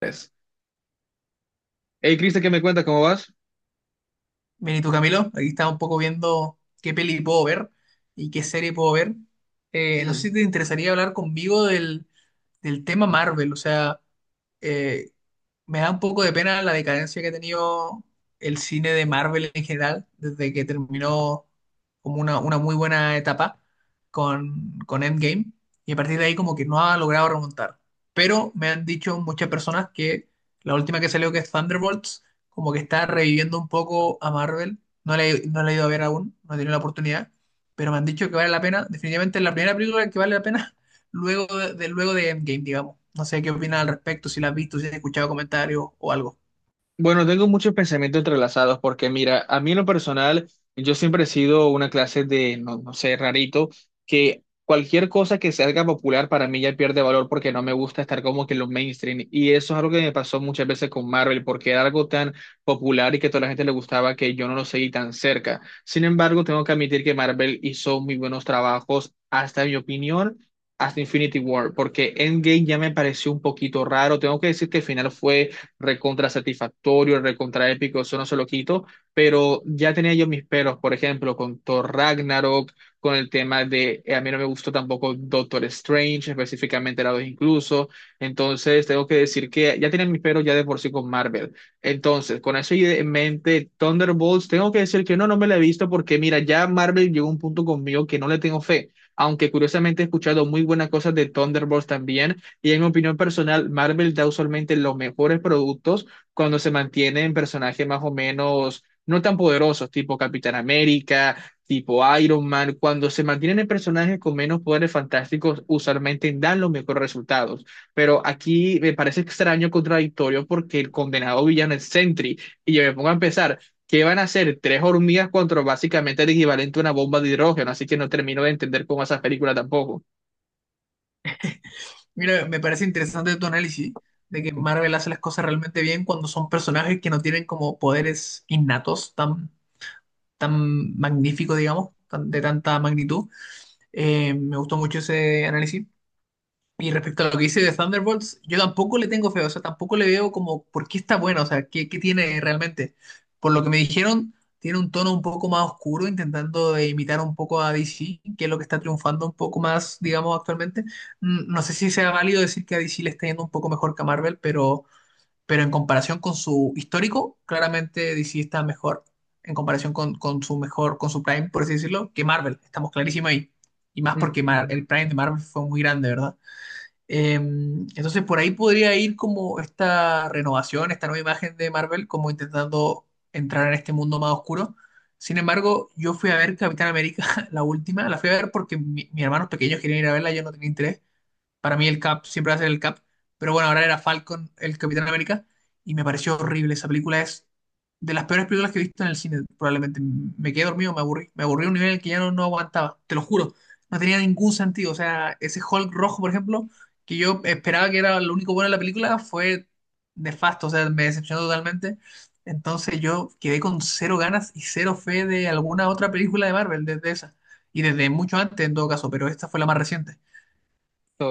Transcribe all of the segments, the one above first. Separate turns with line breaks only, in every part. Tres. Hey, Cristian, ¿qué me cuentas? ¿Cómo vas?
Bien, ¿y tú, Camilo? Aquí estaba un poco viendo qué peli puedo ver y qué serie puedo ver. No sé si
Mm.
te interesaría hablar conmigo del tema Marvel, o sea, eh, me da un poco de pena la decadencia que ha tenido el cine de Marvel en general, desde que terminó como una muy buena etapa con Endgame, y a partir de ahí como que no ha logrado remontar. Pero me han dicho muchas personas que la última que salió, que es Thunderbolts, como que está reviviendo un poco a Marvel. No la he ido a ver aún, no he tenido la oportunidad, pero me han dicho que vale la pena. Definitivamente es la primera película que vale la pena luego luego de Endgame, digamos. No sé qué opinas al respecto, si la has visto, si has escuchado comentarios o algo.
Bueno, tengo muchos pensamientos entrelazados porque mira, a mí en lo personal, yo siempre he sido una clase de, no, no sé, rarito, que cualquier cosa que se haga popular para mí ya pierde valor porque no me gusta estar como que en los mainstream. Y eso es algo que me pasó muchas veces con Marvel porque era algo tan popular y que a toda la gente le gustaba que yo no lo seguí tan cerca. Sin embargo, tengo que admitir que Marvel hizo muy buenos trabajos, hasta en mi opinión, hasta Infinity War, porque Endgame ya me pareció un poquito raro. Tengo que decir que el final fue recontra satisfactorio, recontra épico, eso no se lo quito, pero ya tenía yo mis peros, por ejemplo, con Thor Ragnarok, con el tema de, a mí no me gustó tampoco Doctor Strange, específicamente la 2 incluso. Entonces tengo que decir que ya tenía mis peros ya de por sí con Marvel. Entonces, con eso en mente, Thunderbolts, tengo que decir que no, no me la he visto porque mira, ya Marvel llegó a un punto conmigo que no le tengo fe, aunque curiosamente he escuchado muy buenas cosas de Thunderbolts también. Y en mi opinión personal, Marvel da usualmente los mejores productos cuando se mantienen personajes más o menos no tan poderosos, tipo Capitán América, tipo Iron Man. Cuando se mantienen en personajes con menos poderes fantásticos, usualmente dan los mejores resultados. Pero aquí me parece extraño, contradictorio, porque el condenado villano es Sentry. Y yo me pongo a empezar. ¿Qué van a hacer? Tres hormigas contra básicamente el equivalente a una bomba de hidrógeno. Así que no termino de entender cómo esas películas tampoco.
Mira, me parece interesante tu análisis de que Marvel hace las cosas realmente bien cuando son personajes que no tienen como poderes innatos tan magníficos, digamos, de tanta magnitud. Me gustó mucho ese análisis. Y respecto a lo que dice de Thunderbolts, yo tampoco le tengo fe, o sea, tampoco le veo como por qué está bueno, o sea, qué tiene realmente. Por lo que me dijeron, tiene un tono un poco más oscuro, intentando de imitar un poco a DC, que es lo que está triunfando un poco más, digamos, actualmente. No sé si sea válido decir que a DC le está yendo un poco mejor que a Marvel, pero en comparación con su histórico, claramente DC está mejor en comparación con su mejor, con su Prime, por así decirlo, que Marvel. Estamos clarísimos ahí. Y más porque
Mm.
el Prime de Marvel fue muy grande, ¿verdad? Entonces por ahí podría ir como esta renovación, esta nueva imagen de Marvel, como intentando entrar en este mundo más oscuro. Sin embargo, yo fui a ver Capitán América, la última, la fui a ver porque mis hermanos pequeños querían ir a verla, yo no tenía interés. Para mí el Cap siempre va a ser el Cap. Pero bueno, ahora era Falcon, el Capitán América. Y me pareció horrible. Esa película es de las peores películas que he visto en el cine. Probablemente me quedé dormido, me aburrí. Me aburrí a un nivel en el que ya no aguantaba. Te lo juro. No tenía ningún sentido. O sea, ese Hulk rojo, por ejemplo, que yo esperaba que era lo único bueno de la película, fue nefasto. O sea, me decepcionó totalmente. Entonces yo quedé con cero ganas y cero fe de alguna otra película de Marvel desde esa. Y desde mucho antes en todo caso, pero esta fue la más reciente.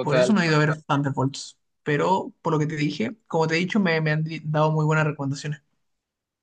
Por eso no he ido a ver Thunderbolts. Pero por lo que te dije, como te he dicho, me han dado muy buenas recomendaciones.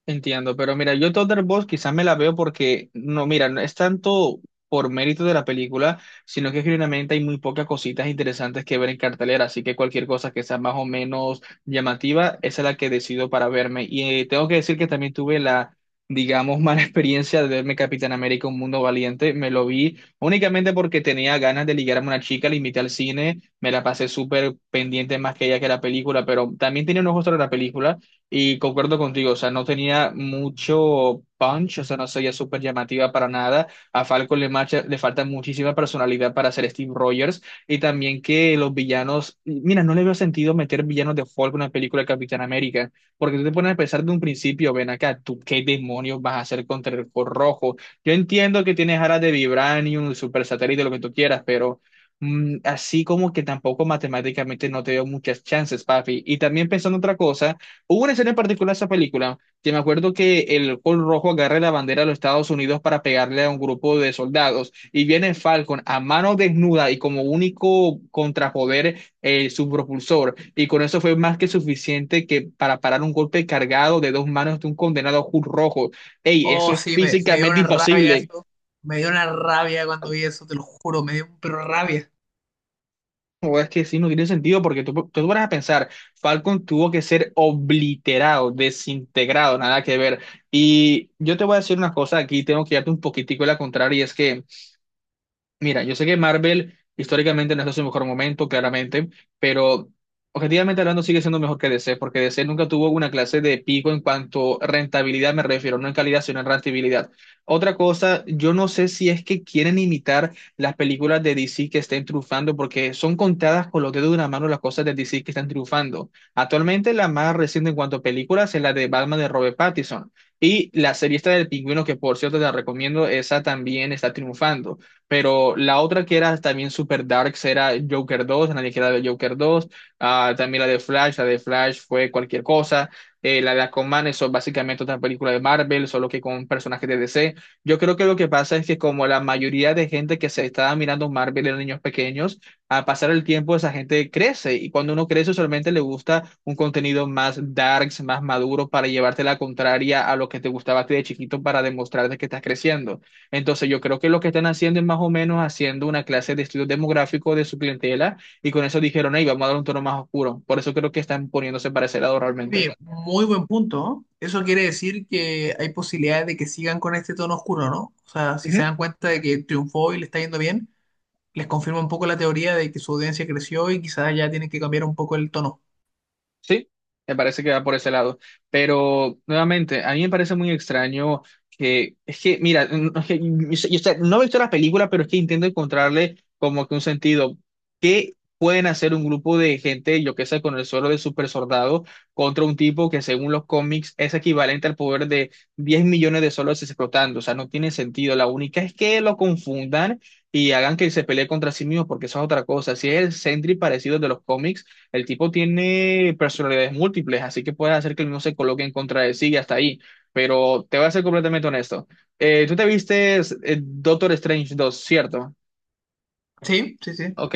Entiendo, pero mira, yo Thunderbolts quizás me la veo porque, no, mira, no es tanto por mérito de la película, sino que genuinamente hay muy pocas cositas interesantes que ver en cartelera, así que cualquier cosa que sea más o menos llamativa, esa es la que decido para verme. Y tengo que decir que también tuve la, digamos, mala experiencia de verme Capitán América, Un Mundo Valiente. Me lo vi únicamente porque tenía ganas de ligarme a una chica, la invité al cine, me la pasé súper pendiente más que ella que la película, pero también tenía unos ojos sobre la película. Y concuerdo contigo, o sea, no tenía mucho punch, o sea, no sería súper llamativa para nada. A Falcon le, le falta muchísima personalidad para ser Steve Rogers, y también que los villanos, mira, no le veo sentido meter villanos de Hulk en una película de Capitán América, porque tú te pones a pensar de un principio, ven acá, tú qué demonios vas a hacer contra el Hulk rojo. Yo entiendo que tienes alas de Vibranium, super satélite, lo que tú quieras, pero así como que tampoco matemáticamente no te veo muchas chances, papi. Y también pensando otra cosa, hubo una escena en particular en esa película que me acuerdo que el Hulk rojo agarra la bandera de los Estados Unidos para pegarle a un grupo de soldados y viene Falcon a mano desnuda y como único contrapoder su propulsor, y con eso fue más que suficiente que para parar un golpe cargado de dos manos de un condenado Hulk rojo. Ey, eso
Oh,
es
sí, me dio
físicamente
una rabia
imposible.
eso. Me dio una rabia cuando vi eso, te lo juro, me dio pero rabia.
O es que sí, no tiene sentido porque tú te pones a pensar, Falcon tuvo que ser obliterado, desintegrado, nada que ver. Y yo te voy a decir una cosa aquí, tengo que darte un poquitico la contraria, y es que, mira, yo sé que Marvel históricamente no está en su mejor momento, claramente, pero objetivamente hablando sigue siendo mejor que DC, porque DC nunca tuvo una clase de pico en cuanto a rentabilidad, me refiero, no en calidad, sino en rentabilidad. Otra cosa, yo no sé si es que quieren imitar las películas de DC que estén triunfando, porque son contadas con los dedos de una mano las cosas de DC que están triunfando. Actualmente la más reciente en cuanto a películas es la de Batman de Robert Pattinson. Y la serie esta del pingüino, que por cierto te la recomiendo, esa también está triunfando. Pero la otra que era también super darks era Joker 2, nadie queda de Joker 2. Ah, también la de Flash fue cualquier cosa. La de Aquaman, eso es básicamente otra película de Marvel, solo que con personajes de DC. Yo creo que lo que pasa es que como la mayoría de gente que se estaba mirando Marvel eran niños pequeños, al pasar el tiempo esa gente crece y cuando uno crece solamente le gusta un contenido más darks, más maduro para llevarte la contraria a lo que te gustaba a ti de chiquito para demostrarte que estás creciendo. Entonces, yo creo que lo que están haciendo es más o menos haciendo una clase de estudio demográfico de su clientela, y con eso dijeron, hey, vamos a dar un tono más oscuro. Por eso creo que están poniéndose para ese lado realmente.
Oye, muy buen punto, ¿no? Eso quiere decir que hay posibilidades de que sigan con este tono oscuro, ¿no? O sea, si se dan cuenta de que triunfó y le está yendo bien, les confirma un poco la teoría de que su audiencia creció y quizás ya tienen que cambiar un poco el tono.
Sí, me parece que va por ese lado. Pero nuevamente, a mí me parece muy extraño que, es que, mira, no es que no he visto la película, pero es que intento encontrarle como que un sentido. ¿Qué pueden hacer un grupo de gente, yo qué sé, con el suelo de super soldado contra un tipo que según los cómics es equivalente al poder de 10 millones de solos explotando? O sea, no tiene sentido. La única es que lo confundan y hagan que se pelee contra sí mismo, porque eso es otra cosa. Si es el Sentry parecido de los cómics, el tipo tiene personalidades múltiples, así que puede hacer que el mismo se coloque en contra de sí, y hasta ahí. Pero te voy a ser completamente honesto. Tú te viste Doctor Strange 2, ¿cierto?
Sí, sí, sí.
Ok,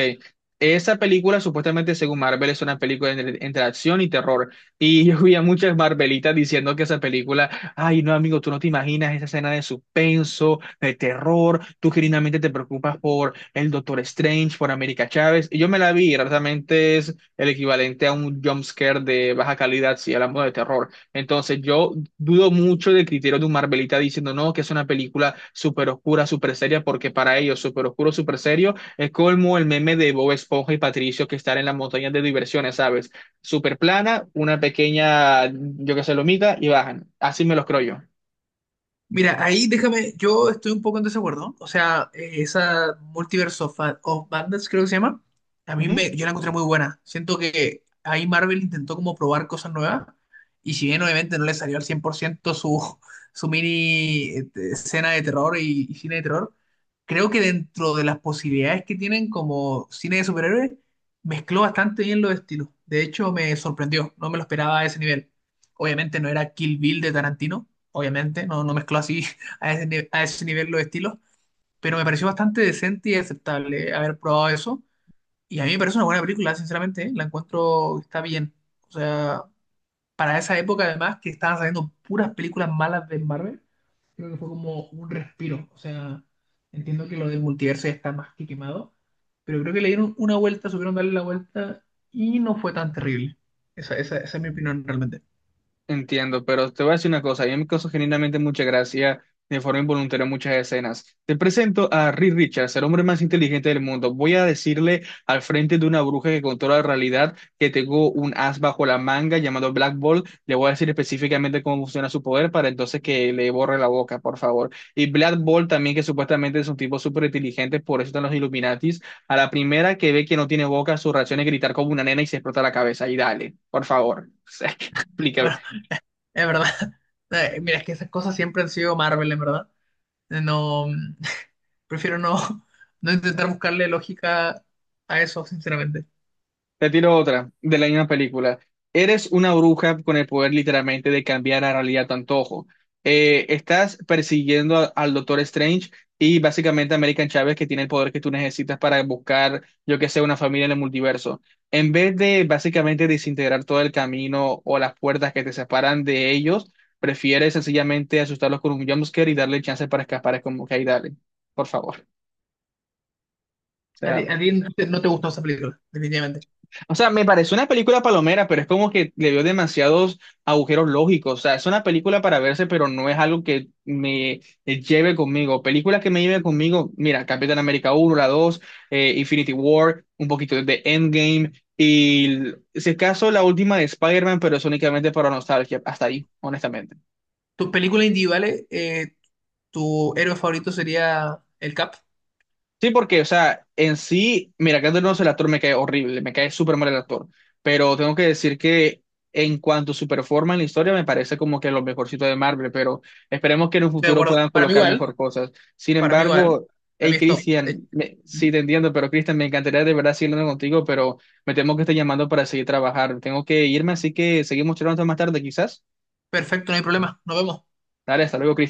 esa película supuestamente según Marvel es una película entre, entre acción y terror. Y yo vi a muchas Marvelitas diciendo que esa película, ay no amigo, tú no te imaginas esa escena de suspenso, de terror, tú genuinamente te preocupas por el Doctor Strange, por América Chávez. Y yo me la vi, y realmente es el equivalente a un jump scare de baja calidad si hablamos de terror. Entonces yo dudo mucho del criterio de un Marvelita diciendo no, que es una película súper oscura, súper seria, porque para ellos súper oscuro, súper serio es como el meme de Bob Esponja y Patricio que están en las montañas de diversiones, ¿sabes? Super plana, una pequeña, yo qué sé, lomita y bajan. Así me los creo yo.
Mira, ahí déjame, yo estoy un poco en desacuerdo. O sea, esa Multiverse of Madness creo que se llama,
Ujú.
yo la encontré muy buena. Siento que ahí Marvel intentó como probar cosas nuevas y si bien obviamente no le salió al 100% su, su mini escena de terror y cine de terror, creo que dentro de las posibilidades que tienen como cine de superhéroes, mezcló bastante bien los estilos. De hecho, me sorprendió, no me lo esperaba a ese nivel. Obviamente no era Kill Bill de Tarantino obviamente, no mezcló así a ese, ni- a ese nivel los estilos, pero me pareció bastante decente y aceptable haber probado eso. Y a mí me parece una buena película, sinceramente, ¿eh? La encuentro que está bien. O sea, para esa época además que estaban saliendo puras películas malas de Marvel, creo que fue como un respiro. O sea, entiendo que lo del multiverso ya está más que quemado, pero creo que le dieron una vuelta, supieron darle la vuelta y no fue tan terrible. Esa es mi opinión realmente.
Entiendo, pero te voy a decir una cosa, a mí me causó genuinamente mucha gracia de forma involuntaria muchas escenas. Te presento a Reed Richards, el hombre más inteligente del mundo. Voy a decirle al frente de una bruja que controla la realidad que tengo un as bajo la manga llamado Black Ball. Le voy a decir específicamente cómo funciona su poder para entonces que le borre la boca, por favor. Y Black Ball también, que supuestamente es un tipo súper inteligente, por eso están los Illuminatis. A la primera que ve que no tiene boca, su reacción es gritar como una nena y se explota la cabeza. Y dale, por favor. O sea, explícame.
Es verdad. Mira, es que esas cosas siempre han sido Marvel, en verdad. No, prefiero no, no intentar buscarle lógica a eso, sinceramente.
Te tiro otra de la misma película. Eres una bruja con el poder literalmente de cambiar la realidad a tu antojo. Estás persiguiendo al Doctor Strange y básicamente a American Chávez que tiene el poder que tú necesitas para buscar, yo que sé, una familia en el multiverso. En vez de básicamente desintegrar todo el camino o las puertas que te separan de ellos, prefieres sencillamente asustarlos con un jumpscare y darle chance para escapar. Es como que ahí dale, por favor. O sea,
A ti no te gustó esa película, definitivamente.
O sea, me pareció una película palomera, pero es como que le dio demasiados agujeros lógicos. O sea, es una película para verse, pero no es algo que me lleve conmigo. Películas que me lleven conmigo, mira, Capitán América uno, la 2, Infinity War, un poquito de Endgame y, si es caso, la última de Spider-Man, pero es únicamente para nostalgia. Hasta ahí, honestamente.
Tus películas individuales, tu héroe favorito sería el Cap.
Sí, porque, o sea, en sí, mira, Keanu Reeves, el actor me cae horrible, me cae súper mal el actor, pero tengo que decir que en cuanto a su performance en la historia, me parece como que lo mejorcito de Marvel, pero esperemos que en un
Estoy de
futuro
acuerdo.
puedan colocar mejor cosas. Sin
Para mí igual,
embargo,
para mí
hey,
es top. De hecho.
Christian, sí te entiendo, pero Cristian, me encantaría de verdad seguir hablando contigo, pero me temo que está llamando para seguir trabajando. Tengo que irme, así que seguimos charlando más tarde, quizás.
Perfecto, no hay problema. Nos vemos.
Dale, hasta luego, Cristian.